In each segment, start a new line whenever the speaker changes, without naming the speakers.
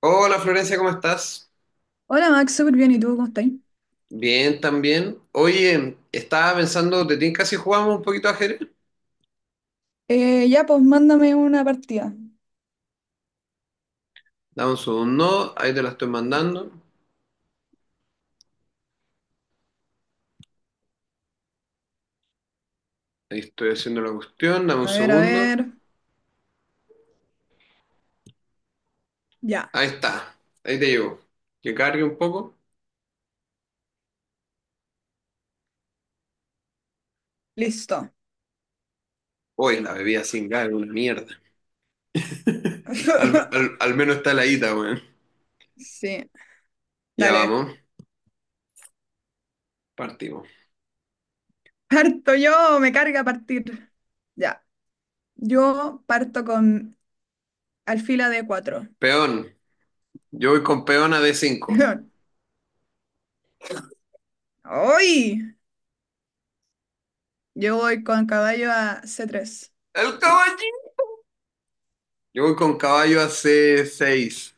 Hola Florencia, ¿cómo estás?
Hola Max, súper bien. ¿Y tú cómo estás?
Bien, también. Oye, estaba pensando, ¿te tinca si jugamos un poquito de ajedrez?
Ya, pues mándame una partida.
Dame un segundo, ahí te la estoy mandando. Ahí estoy haciendo la cuestión, dame un
A ver, a
segundo.
ver. Ya,
Ahí está, ahí te llevo. Que cargue un poco.
listo.
Uy, la bebida sin gas es una mierda. Al menos está la ita, weón.
Sí,
Ya
dale.
vamos, partimos.
Parto yo, me carga partir. Ya, yo parto con alfila de cuatro.
Peón, yo voy con peón a d cinco.
¡Uy! Yo voy con caballo a c tres.
¡El caballito! Yo voy con caballo a c seis.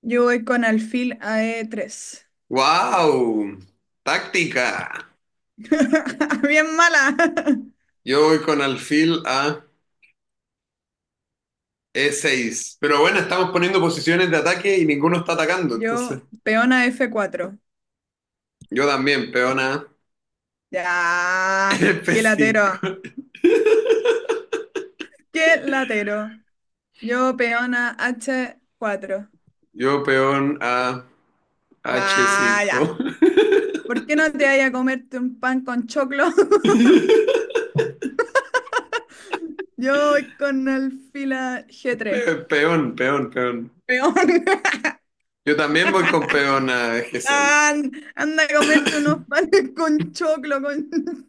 Yo voy con alfil a e tres.
¡Wow! ¡Táctica!
Bien mala.
Yo voy con alfil a E6. Pero bueno, estamos poniendo posiciones de ataque y ninguno está atacando. Entonces,
Yo, peón a f cuatro.
yo también, peón a
Ya, qué latero.
F5.
Qué latero. Yo, peona H4.
Yo peón a
Ah, ya.
H5.
¿Por qué no te vayas a comerte un pan con choclo? Yo voy con el fila G3.
Peón, peón, peón.
Peón.
Yo también voy con peón a G6.
Anda a comerte unos panes con choclo, con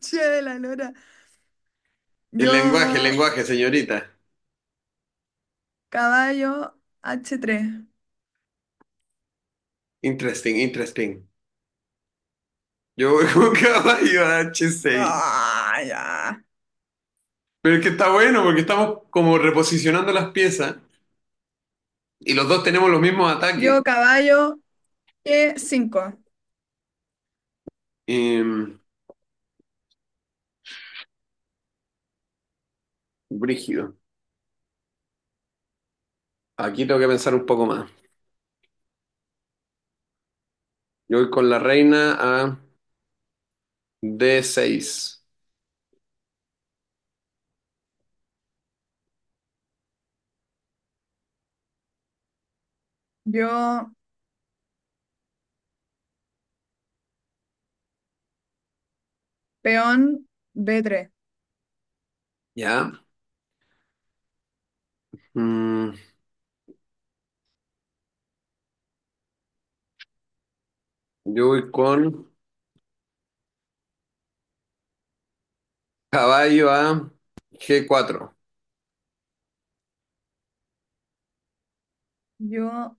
che de la lora.
El
Yo,
lenguaje, señorita.
caballo H3.
Interesting, interesting. Yo voy con caballo a H6.
Ah, ya.
Pero es que está bueno porque estamos como reposicionando las piezas y los dos tenemos los mismos
Yo,
ataques.
caballo G5.
Em, Brígido. Aquí tengo que pensar un poco más. Yo voy con la reina a D6.
Yo, peón B3.
¿Ya? Mm, yo voy con caballo a G4.
Yo,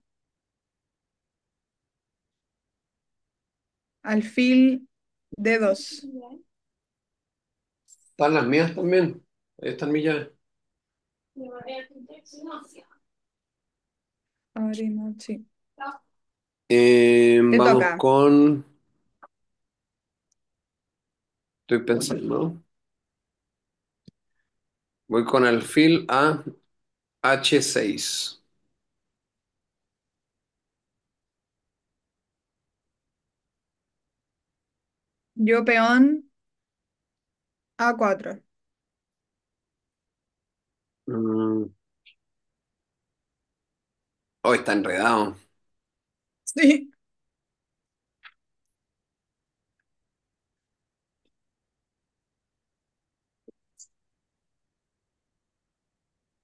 alfil d dos.
¿Están las mías también? Ahí están mis llaves.
Abrimos, sí.
Em,
Te toca.
vamos con... Estoy pensando. Voy con alfil a H6.
Yo peón a cuatro.
Mm, oh, está enredado.
Sí.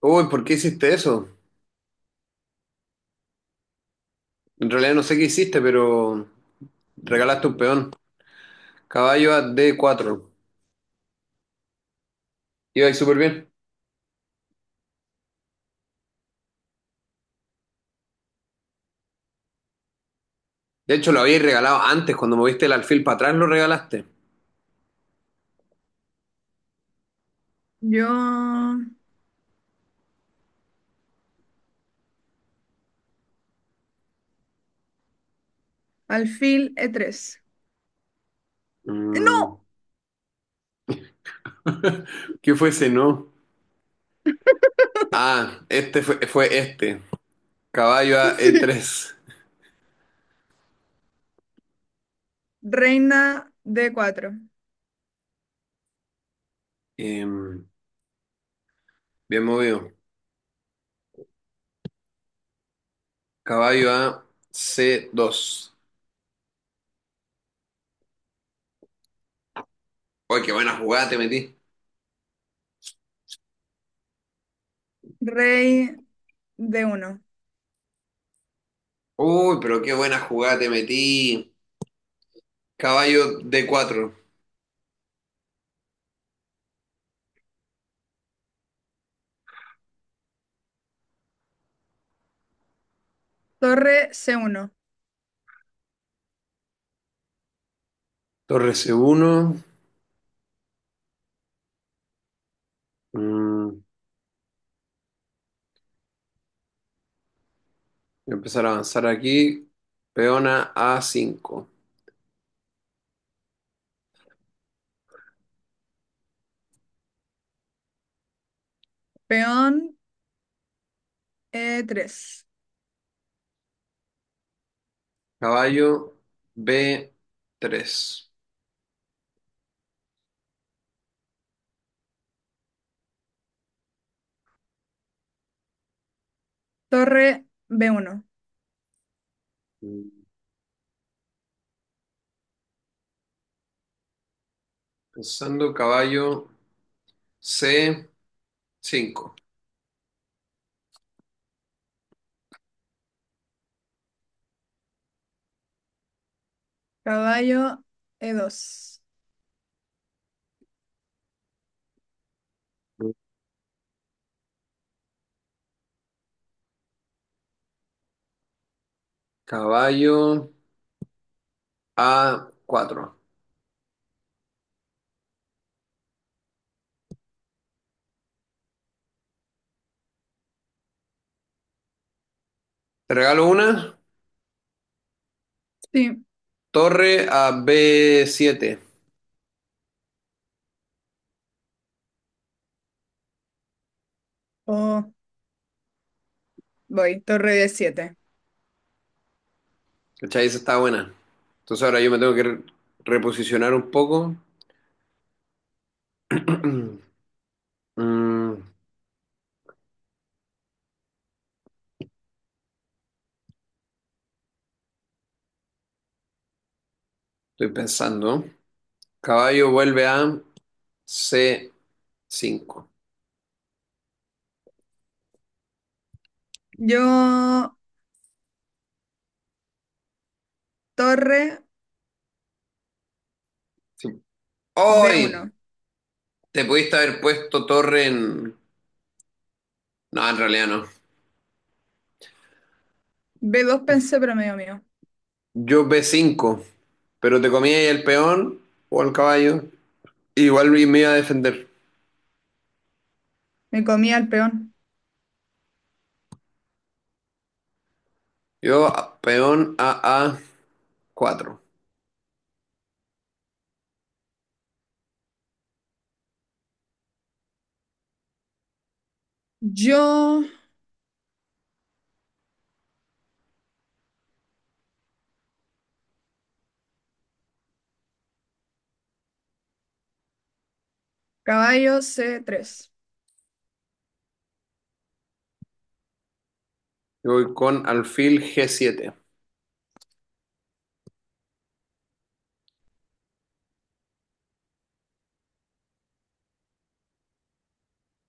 Uy, ¿por qué hiciste eso? En realidad no sé qué hiciste, pero regalaste un peón. Caballo a D4. Iba ahí súper bien. De hecho, lo habíais regalado antes, cuando moviste el alfil para atrás, lo regalaste.
Yo alfil e tres.
Mm,
¡No!
¿qué fue ese no? Ah, este fue este. Caballo a e
Sí.
tres.
Reina d cuatro.
Em, Bien movido. Caballo a c dos. Uy, qué buena jugada te metí.
Rey d uno.
Uy, pero qué buena jugada te metí. Caballo d cuatro.
Torre c uno.
Torre c uno. Mm, voy a empezar a avanzar aquí. Peona a cinco.
Peón e tres.
Caballo b tres.
Torre b uno.
Pensando caballo c cinco.
Caballo e dos.
Caballo a cuatro. Te regalo una.
Sí.
Torre a b siete.
Oh, voy. Torre d siete.
¿Cachai? Esa está buena. Entonces ahora yo me tengo que reposicionar un poco. Mm, estoy pensando. Caballo vuelve a c cinco.
Yo torre
Sí.
b
¡Ay!
uno.
Te pudiste haber puesto torre en... No, en realidad no.
B2 pensé, pero medio mío.
Yo b cinco, pero te comía ahí el peón o el caballo. Igual me iba a defender.
Me comía el peón.
Peón a cuatro.
Yo, caballo C3.
Yo voy con alfil g siete.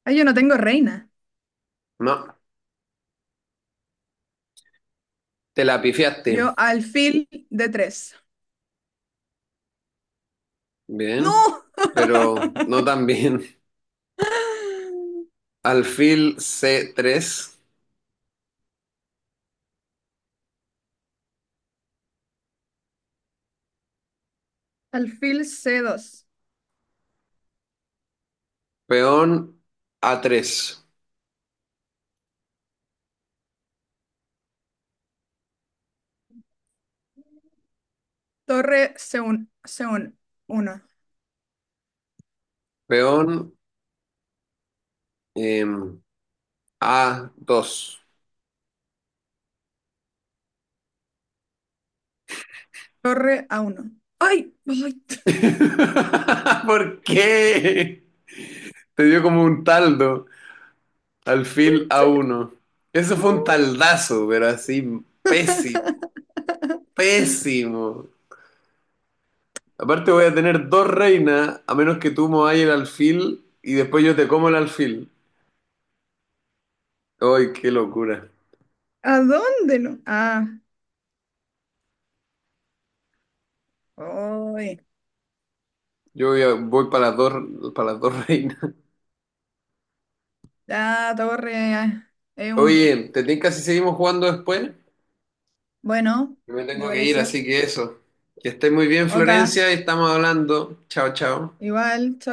Ay, yo no tengo reina.
No, te la pifiaste.
Yo, alfil d tres. ¡No!
Bien, pero no tan bien. Alfil c tres,
Alfil C2.
peón a tres,
Torre C1. C1. Uno.
peón em, a dos.
Torre A1. ¡Ay! ¡Ay!
¿Por qué? Te dio como un taldo. Alfil a uno. Eso fue un
Oh.
taldazo, pero así pésimo, pésimo. Aparte voy a tener dos reinas, a menos que tú mováis el alfil y después yo te como el alfil. ¡Ay, qué locura!
¿A dónde no? Ah, hoy.
Voy para las dos reinas.
La torre e uno.
Oye, ¿te tinca si seguimos jugando después?
Bueno,
Yo me
me
tengo que ir,
parece.
así que eso. Que estés muy bien,
Oka,
Florencia, y estamos hablando. Chao, chao.
igual. Chao.